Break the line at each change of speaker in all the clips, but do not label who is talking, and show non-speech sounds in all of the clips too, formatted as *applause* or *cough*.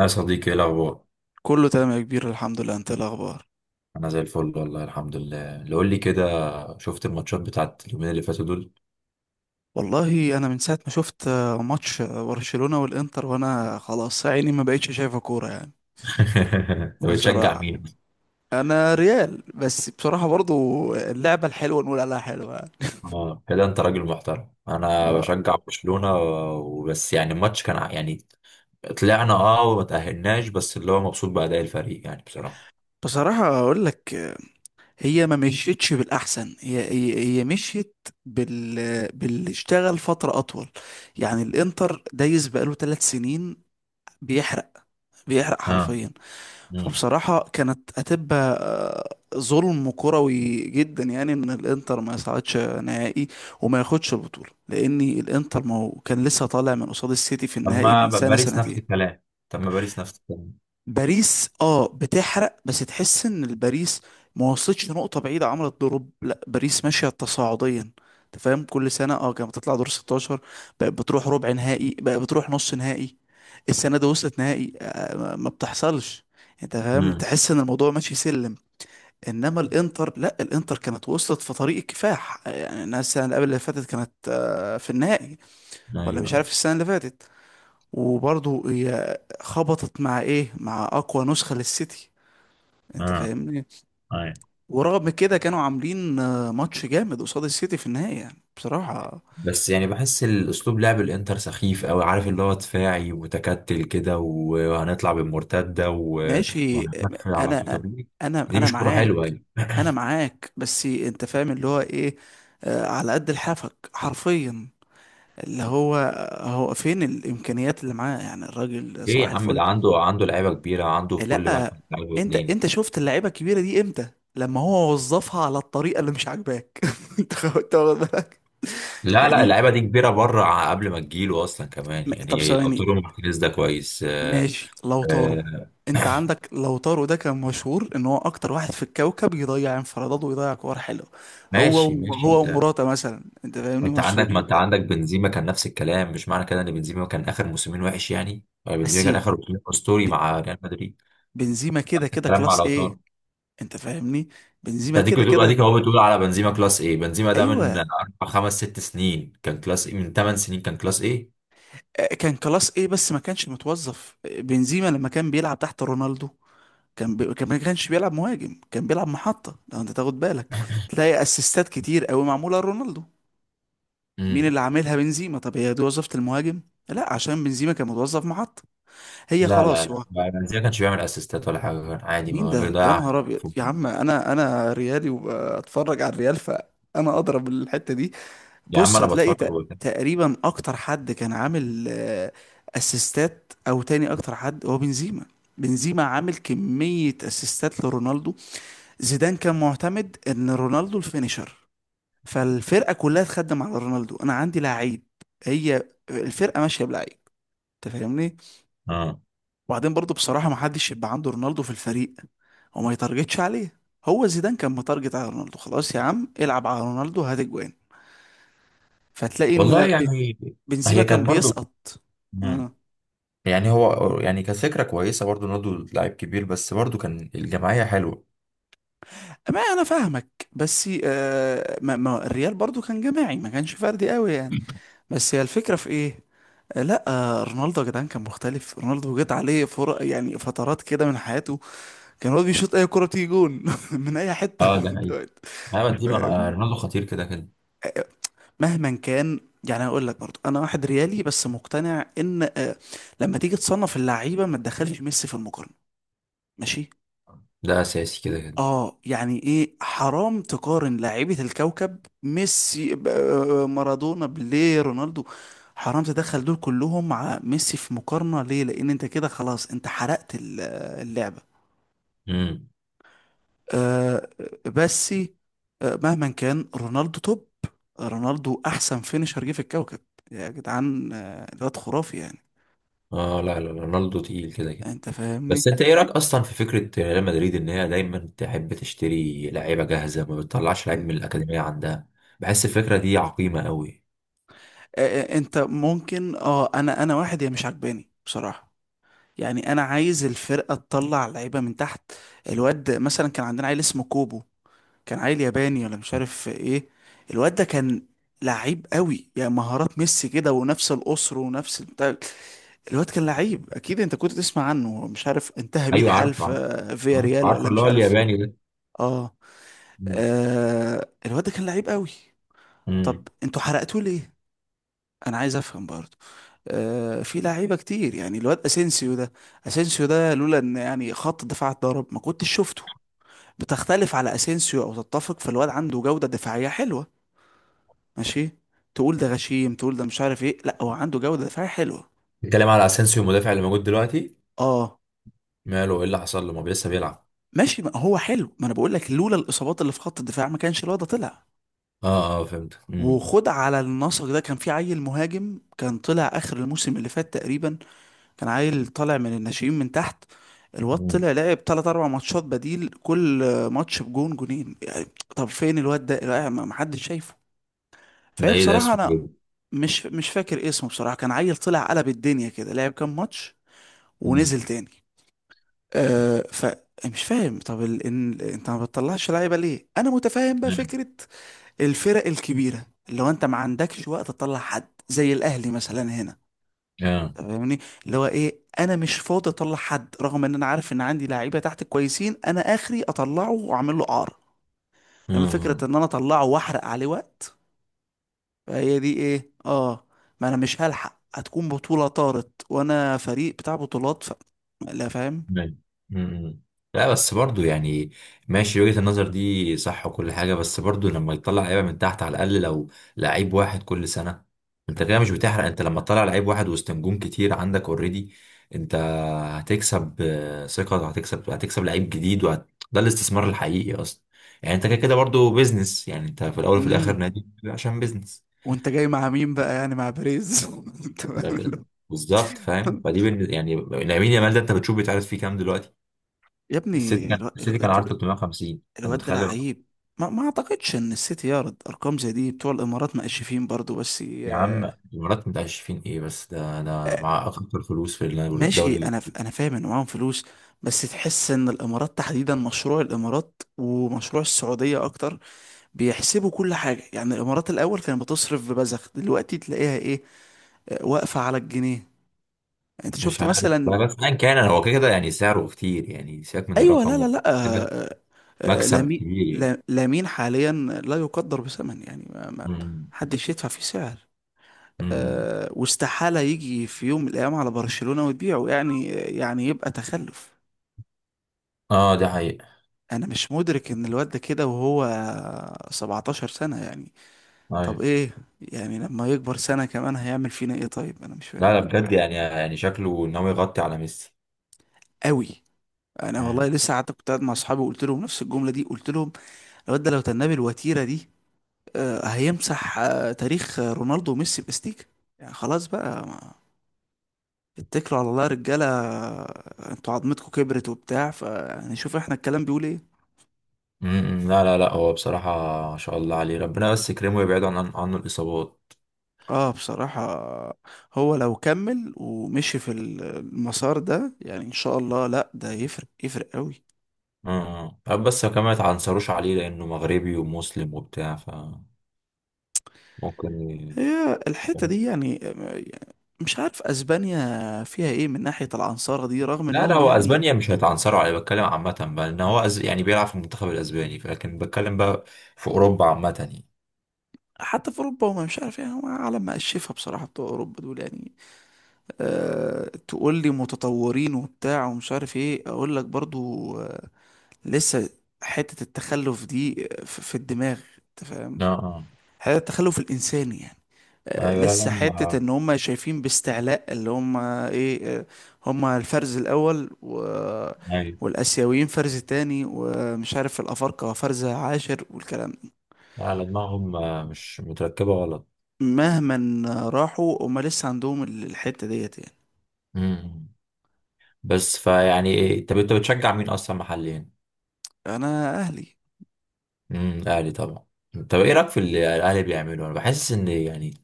يا صديقي، ايه الاخبار؟
كله تمام يا كبير، الحمد لله. انت ايه الاخبار؟
انا زي الفل والله، الحمد لله اللي قول لي كده. شفت الماتشات بتاعت اليومين اللي فاتوا دول؟
والله انا من ساعه ما شفت ماتش برشلونه والانتر وانا خلاص عيني ما بقتش شايفه كوره يعني.
*laughs* انت بتشجع
بصراحه
مين؟
انا ريال، بس بصراحه برضو اللعبه الحلوه نقول عليها حلوه يعني.
اه كده انت راجل محترم، انا
اه،
بشجع برشلونة وبس. يعني الماتش كان يعني طلعنا وما تأهلناش، بس اللي هو مبسوط بأداء الفريق يعني بصراحة.
بصراحه اقول لك، هي ما مشيتش بالاحسن. هي مشيت بال باللي اشتغل فتره اطول. يعني الانتر دايس بقاله ثلاث سنين بيحرق، بيحرق
اه.
حرفيا.
امم.
فبصراحة كانت هتبقى ظلم كروي جدا، يعني ان الانتر ما يصعدش نهائي وما ياخدش البطولة، لان الانتر ما هو كان لسه طالع من قصاد السيتي في النهائي
اما
من سنة
باريس نفس
سنتين.
الكلام، طب ما باريس نفس الكلام.
باريس اه بتحرق، بس تحس ان الباريس ما وصلتش نقطة بعيدة، عملت دروب. لا، باريس ماشية تصاعديا. انت فاهم، كل سنة اه كانت بتطلع دور 16، بقت بتروح ربع نهائي، بقت بتروح نص نهائي. السنة دي وصلت نهائي، ما بتحصلش. انت فاهم،
امم.
تحس ان الموضوع ماشي سلم. انما الانتر لا، الانتر كانت وصلت في طريق الكفاح، يعني الناس السنة اللي قبل اللي فاتت كانت في النهائي، ولا مش
ايوه.
عارف السنة اللي فاتت. وبرضه هي خبطت مع ايه؟ مع اقوى نسخة للسيتي. انت
اه.
فاهمني؟ ورغم كده كانوا عاملين ماتش جامد قصاد السيتي في النهاية يعني بصراحة.
بس يعني بحس الاسلوب لعب الانتر سخيف قوي، عارف اللي هو دفاعي ومتكتل كده وهنطلع بالمرتده
ماشي آه،
وهنقفل على طول،
انا
طب.
انا
دي
انا
مش كوره حلوه
معاك.
يعني.
انا معاك، بس انت فاهم اللي هو ايه؟ آه، على قد لحافك حرفيا. اللي هو هو فين الامكانيات اللي معاه؟ يعني الراجل
ايه
صباح
يا عم،
الفل.
ده عنده لعيبه كبيره، عنده في كل
لا،
مركز لعيبه
انت
اتنين.
انت شفت اللعيبه الكبيره دي امتى؟ لما هو وظفها على الطريقه اللي مش عاجباك. *laughs* انت انت واخد بالك؟
لا، لا،
يعني
اللعيبه دي كبيره بره، قبل ما تجيله اصلا كمان،
طب
يعني لو
ثواني،
تورو مارتينيز ده كويس.
ماشي لو طارو.
آه،
انت عندك لو طارو ده كان مشهور ان هو اكتر واحد في الكوكب يضيع انفرادات ويضيع كور حلوه.
ماشي، ماشي،
هو
ده.
ومراته مثلا، انت فاهمني،
انت عندك، ما
مشهورين
انت عندك بنزيما كان نفس الكلام، مش معنى كده ان بنزيما كان اخر موسمين وحش يعني، ولا بنزيما
بس.
كان اخر موسمين اسطوري
ب-
مع ريال مدريد؟
بنزيما كده كده
الكلام مع
كلاس ايه،
لو.
انت فاهمني. بنزيما كده كده.
اديك اهو بتقول على بنزيما كلاس ايه، بنزيما ده
ايوه،
من 4 5 6 سنين كان كلاس ايه، من 8 سنين كان كلاس ايه.
كان كلاس ايه، بس ما كانش متوظف. بنزيما لما كان بيلعب تحت رونالدو كان ما كانش بيلعب مهاجم، كان بيلعب محطة. لو انت تاخد بالك، تلاقي اسيستات كتير قوي معمولة لرونالدو. مين
امم.
اللي عاملها؟ بنزيما. طب هي دي وظيفة المهاجم؟ لا، عشان بنزيما كان متوظف محطة. هي
لا، لا،
خلاص
لا،
هو.
لا، بنزيما كانش بيعمل اسيستات ولا حاجه، كان عادي
مين
ما
ده يا
بيضيع
نهار ابيض؟
فوق.
يا عم انا ريالي وبتفرج على الريال، فانا اضرب الحتة دي.
يا عم
بص،
انا
هتلاقي
بتفرج وبتاع.
تقريبا اكتر حد كان عامل اسيستات، او تاني اكتر حد، هو بنزيما. بنزيما عامل كمية اسيستات لرونالدو. زيدان كان معتمد ان رونالدو الفينيشر، فالفرقة كلها تخدم على رونالدو. انا عندي لعيب، هي الفرقة ماشية بلعيب، انت فاهمني؟
اه.
وبعدين برضو بصراحة، ما حدش يبقى عنده رونالدو في الفريق وما يتارجتش عليه. هو زيدان كان متارجت على رونالدو، خلاص يا عم العب على رونالدو هات اجوان. فتلاقي
والله
ان
يعني.
بنزيما
هي
كان
كانت برضو.
بيسقط.
مم.
آه.
يعني هو يعني كانت فكره كويسه برضو، رونالدو لاعب كبير بس برضو كان الجماعيه حلوه.
ما انا فاهمك، بس آه، ما الريال برضو كان جماعي، ما كانش فردي قوي يعني. بس هي الفكرة في ايه؟ آه، لا آه، رونالدو يا جدعان كان مختلف. رونالدو جت عليه فرق، يعني فترات كده من حياته، كان هو بيشوط اي كرة تيجي جون *laughs* من اي حتة.
اه
*laughs*
ده حقيقي. انا
أنت
بنزيما،
فاهم؟
رونالدو خطير كده كده.
مهما كان، يعني هقول لك برضو، انا واحد ريالي بس مقتنع ان لما تيجي تصنف اللعيبة ما تدخلش ميسي في المقارنة. ماشي.
ده اساسي كده كده.
اه يعني ايه؟ حرام تقارن لاعيبة الكوكب ميسي مارادونا، بيليه، رونالدو. حرام تدخل دول كلهم مع ميسي في مقارنة. ليه؟ لان انت كده خلاص انت حرقت اللعبة.
امم.
آه، بس آه، مهما كان رونالدو توب. رونالدو احسن فينيشر جه في الكوكب، يا جدعان. آه، الواد خرافي يعني،
اه، لا، لا، لا، رونالدو تقيل كده كده.
انت فاهمني.
بس انت ايه رايك اصلا في فكره ريال مدريد ان هي دايما تحب تشتري لعيبه جاهزه، ما بتطلعش لعيب من الاكاديميه عندها؟ بحس الفكره دي عقيمه قوي.
انت ممكن اه، انا واحد يا مش عجباني بصراحة. يعني انا عايز الفرقه تطلع لعيبه من تحت. الواد مثلا كان عندنا عيل اسمه كوبو، كان عيل ياباني ولا مش عارف ايه. الواد ده كان لعيب قوي، يعني مهارات ميسي كده، ونفس القصر ونفس البتاع. الواد كان لعيب اكيد، انت كنت تسمع عنه. مش عارف انتهى بيه
ايوه،
الحال
عارف،
في
عارف.
فيا ريال
عارف
ولا
اللي
مش
هو
عارف ايه.
الياباني ده.
اه.
مم.
آه، الواد ده كان لعيب قوي. طب
امم.
انتوا حرقتوه ليه؟ انا عايز افهم برضه. في لعيبه كتير، يعني الواد اسينسيو ده، اسينسيو ده لولا ان يعني خط الدفاع اتضرب ما كنتش شفته. بتختلف على اسينسيو او تتفق، فالواد عنده جوده دفاعيه حلوه، ماشي. تقول ده غشيم، تقول ده مش عارف ايه، لا هو عنده جوده دفاعيه حلوه.
بتتكلم على اسينسيو المدافع اللي موجود دلوقتي؟
اه،
ماله، ايه اللي حصل له؟ ما بي- لسه بيلعب.
ماشي، ما هو حلو. ما انا بقول لك لولا الاصابات اللي في خط الدفاع ما كانش الواد ده طلع.
اه، اه، فهمت. امم.
وخد على النسق ده، كان في عيل مهاجم كان طلع اخر الموسم اللي فات تقريبا، كان عيل طالع من الناشئين من تحت. الواد
امم.
طلع لعب تلات أربع ماتشات بديل، كل ماتش بجون جونين يعني. طب فين الواد ده؟ لا، ما حدش شايفه.
ده
فهي
ايه، ده
بصراحة
اسمه
أنا
ايه؟
مش فاكر اسمه بصراحة. كان عيل طلع قلب الدنيا كده، لعب كام ماتش
امم.
ونزل تاني. أه، فمش فاهم. طب انت ما بتطلعش لعيبة ليه؟ أنا متفاهم بقى فكرة الفرق الكبيرة، لو انت ما عندكش وقت تطلع حد زي الأهلي مثلا هنا،
اه. آه.
فاهمني؟ اللي هو ايه، انا مش فاضي اطلع حد، رغم ان انا عارف ان عندي لعيبه تحت كويسين، انا اخري اطلعه واعمل له قعر. لما فكره
امم.
ان انا اطلعه واحرق عليه وقت، فهي دي ايه اه. ما انا مش هلحق، هتكون بطوله طارت وانا فريق بتاع بطولات لا، فاهم.
مم. مم. لا بس برضو يعني، ماشي وجهة النظر دي صح وكل حاجة، بس برضو لما يطلع لعيبة من تحت، على الأقل لو لعيب واحد كل سنة. انت كده مش بتحرق. انت لما تطلع لعيب واحد وسط نجوم كتير عندك اوريدي، انت هتكسب ثقة، وهتكسب لعيب جديد، ده الاستثمار الحقيقي اصلا. يعني انت كده كده برضو بيزنس، يعني انت في الاول وفي الاخر
امم
نادي عشان بيزنس.
وانت جاي مع مين بقى؟ يعني مع بيريز. *laughs* أنت فاهم اللي
ده- بالظبط فاهم، يعني لامين يامال ده انت بتشوف بيتعرض فيه كام دلوقتي.
يا ابني
السيتي كان عرضه 350، انت
الواد ده
متخيل الرقم؟
لعيب. ما اعتقدش ان السيتي يعرض ارقام زي دي. بتوع الامارات مقشفين برضو بس.
يا عم، الإمارات متقشفين ايه؟ بس ده مع اكتر فلوس في
ماشي
الدوري.
انا انا فاهم ان معاهم فلوس، بس تحس ان الامارات تحديدا، مشروع الامارات ومشروع السعوديه اكتر، بيحسبوا كل حاجه. يعني الامارات الاول كانت بتصرف ببذخ، دلوقتي تلاقيها ايه، واقفه على الجنيه. انت
مش
شفت
عارف
مثلا.
والله، بس ايا كان هو كده كده يعني سعره كتير، يعني سيبك من
ايوه، لا
الرقم.
لا لا
كده
آه، آه،
مكسب
لامين.
كبير يعني.
لامين حاليا لا يقدر بثمن، يعني ما
مم.
حدش يدفع فيه سعر.
مم.
واستحاله يجي في يوم من الايام على برشلونه وتبيعه، يعني يعني يبقى تخلف.
اه ده حقيقة.
انا مش مدرك ان الواد ده كده وهو 17 سنة يعني. طب
ايوه،
ايه، يعني لما يكبر سنة كمان هيعمل فينا ايه؟ طيب، انا مش فاهم
لا، لا، بجد يعني، يعني شكله ان هو يغطي على ميسي.
قوي. انا والله
مم.
لسه قعدت، كنت قاعد مع اصحابي وقلت لهم نفس الجملة دي، قلت لهم الواد ده لو تنبي الوتيرة دي، هيمسح تاريخ رونالدو وميسي باستيك. يعني خلاص بقى، ما اتكلوا على الله يا رجالة، انتوا عظمتكم كبرت وبتاع، فنشوف احنا الكلام بيقول ايه.
مم. لا، لا، لا، هو بصراحة ما شاء الله عليه، ربنا بس يكرمه ويبعد عنه الإصابات.
اه بصراحة، هو لو كمل ومشي في المسار ده يعني ان شاء الله، لا ده يفرق، يفرق قوي.
اه، آه. بس كمان ما يتعنصروش عليه لانه مغربي ومسلم وبتاع، فممكن ي-
هي الحتة دي يعني، مش عارف اسبانيا فيها ايه من ناحية العنصرة دي، رغم
لا، لا،
انهم
هو
يعني.
اسبانيا مش هيتعنصروا عليه، بتكلم عامة بقى ان هو، يعني بيلعب في المنتخب الاسباني، لكن بتكلم بقى في اوروبا عامة يعني.
حتى في اوروبا، وما مش عارف، يعني هم عالم مقشفة بصراحة بتوع اوروبا دول يعني. أه تقول لي متطورين وبتاع ومش عارف ايه، اقول لك برضو لسه حتة التخلف دي في الدماغ، انت فاهم؟
اه، اه.
هذا التخلف الإنساني يعني.
ايوه، لا، لا،
لسه حتة إن هم شايفين باستعلاء، اللي هم إيه، هم الفرز الأول
ايوه،
والآسيويين فرز تاني، ومش عارف الأفارقة فرز عاشر والكلام ده.
لا، لا، دماغهم مش متركبة غلط.
مهما راحوا، هم لسه عندهم الحتة ديت يعني.
امم. بس فيعني إيه؟ طب انت بتشجع مين اصلا محليا؟
أنا أهلي.
امم، الاهلي طبعا. طب ايه رايك في اللي الاهلي بيعمله؟ انا بحس ان يعني،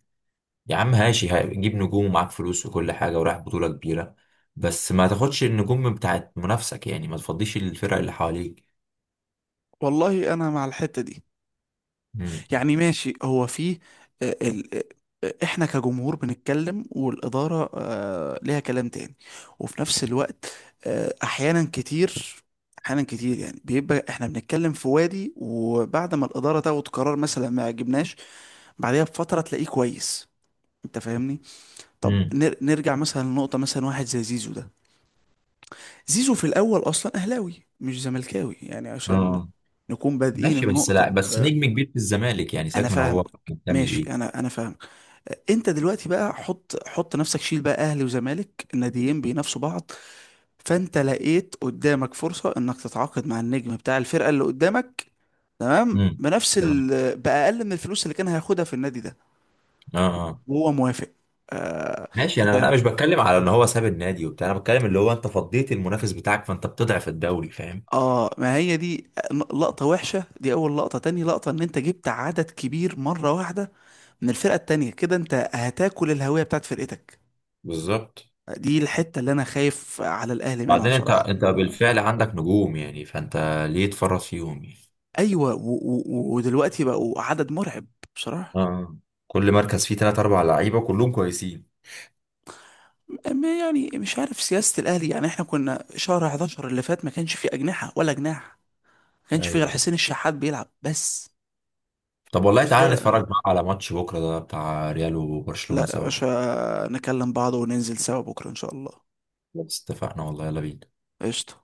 يا عم هاشي هجيب نجوم ومعاك فلوس وكل حاجة ورايح بطولة كبيرة، بس ما تاخدش النجوم بتاعت منافسك، يعني ما تفضيش الفرق اللي حواليك.
والله أنا مع الحتة دي.
امم.
يعني ماشي، هو في آه، ال... آه، آه، احنا كجمهور بنتكلم، والإدارة ليها كلام تاني. وفي نفس الوقت آه، احيانا كتير احيانا كتير، يعني بيبقى احنا بنتكلم في وادي، وبعد ما الإدارة تاخد قرار مثلا ما يعجبناش، بعدها بفترة تلاقيه كويس، انت فاهمني؟ طب
امم.
نرجع مثلا لنقطة، مثلا واحد زي زيزو ده، زيزو في الأول أصلا أهلاوي مش زملكاوي، يعني عشان
اه.
نكون بادئين
ماشي، بس لا،
النقطة.
بس نجم كبير في الزمالك يعني
انا
سيبك من هو
فاهمك،
بيعمل
ماشي،
ايه.
انا فاهمك. انت دلوقتي بقى حط نفسك، شيل بقى اهلي وزمالك، الناديين بينافسوا بعض، فانت لقيت قدامك فرصة انك تتعاقد مع النجم بتاع الفرقة اللي قدامك، تمام،
امم.
بنفس
تمام.
باقل من الفلوس اللي كان هياخدها في النادي ده،
اه. اه.
وهو موافق. آه،
ماشي، انا
هتعمل
انا
إيه؟
مش بتكلم على ان هو ساب النادي وبتاع، انا بتكلم اللي هو انت فضيت المنافس بتاعك فانت بتضعف الدوري، فاهم؟
اه، ما هي دي لقطة وحشة، دي اول لقطة. تاني لقطة ان انت جبت عدد كبير مرة واحدة من الفرقة التانية، كده انت هتاكل الهوية بتاعت فرقتك.
بالظبط.
دي الحتة اللي أنا خايف على الأهلي منها
بعدين انت
بصراحة
انت بالفعل عندك نجوم، يعني فانت ليه تفرط فيهم يعني؟
أيوة، ودلوقتي بقوا عدد مرعب بصراحة.
اه، كل مركز فيه تلات أربع لعيبة كلهم كويسين.
يعني مش عارف سياسة الأهلي. يعني إحنا كنا شهر 11 اللي فات ما كانش فيه أجنحة ولا جناح، ما كانش فيه غير
ايوه.
حسين الشحات بيلعب بس.
طب والله تعالى
الفرق
نتفرج بقى على ماتش بكرة ده بتاع ريال
لا
وبرشلونة
يا
سوا.
باشا، نكلم بعض وننزل سوا بكرة إن شاء الله.
بس اتفقنا، والله يلا بينا.
قشطة.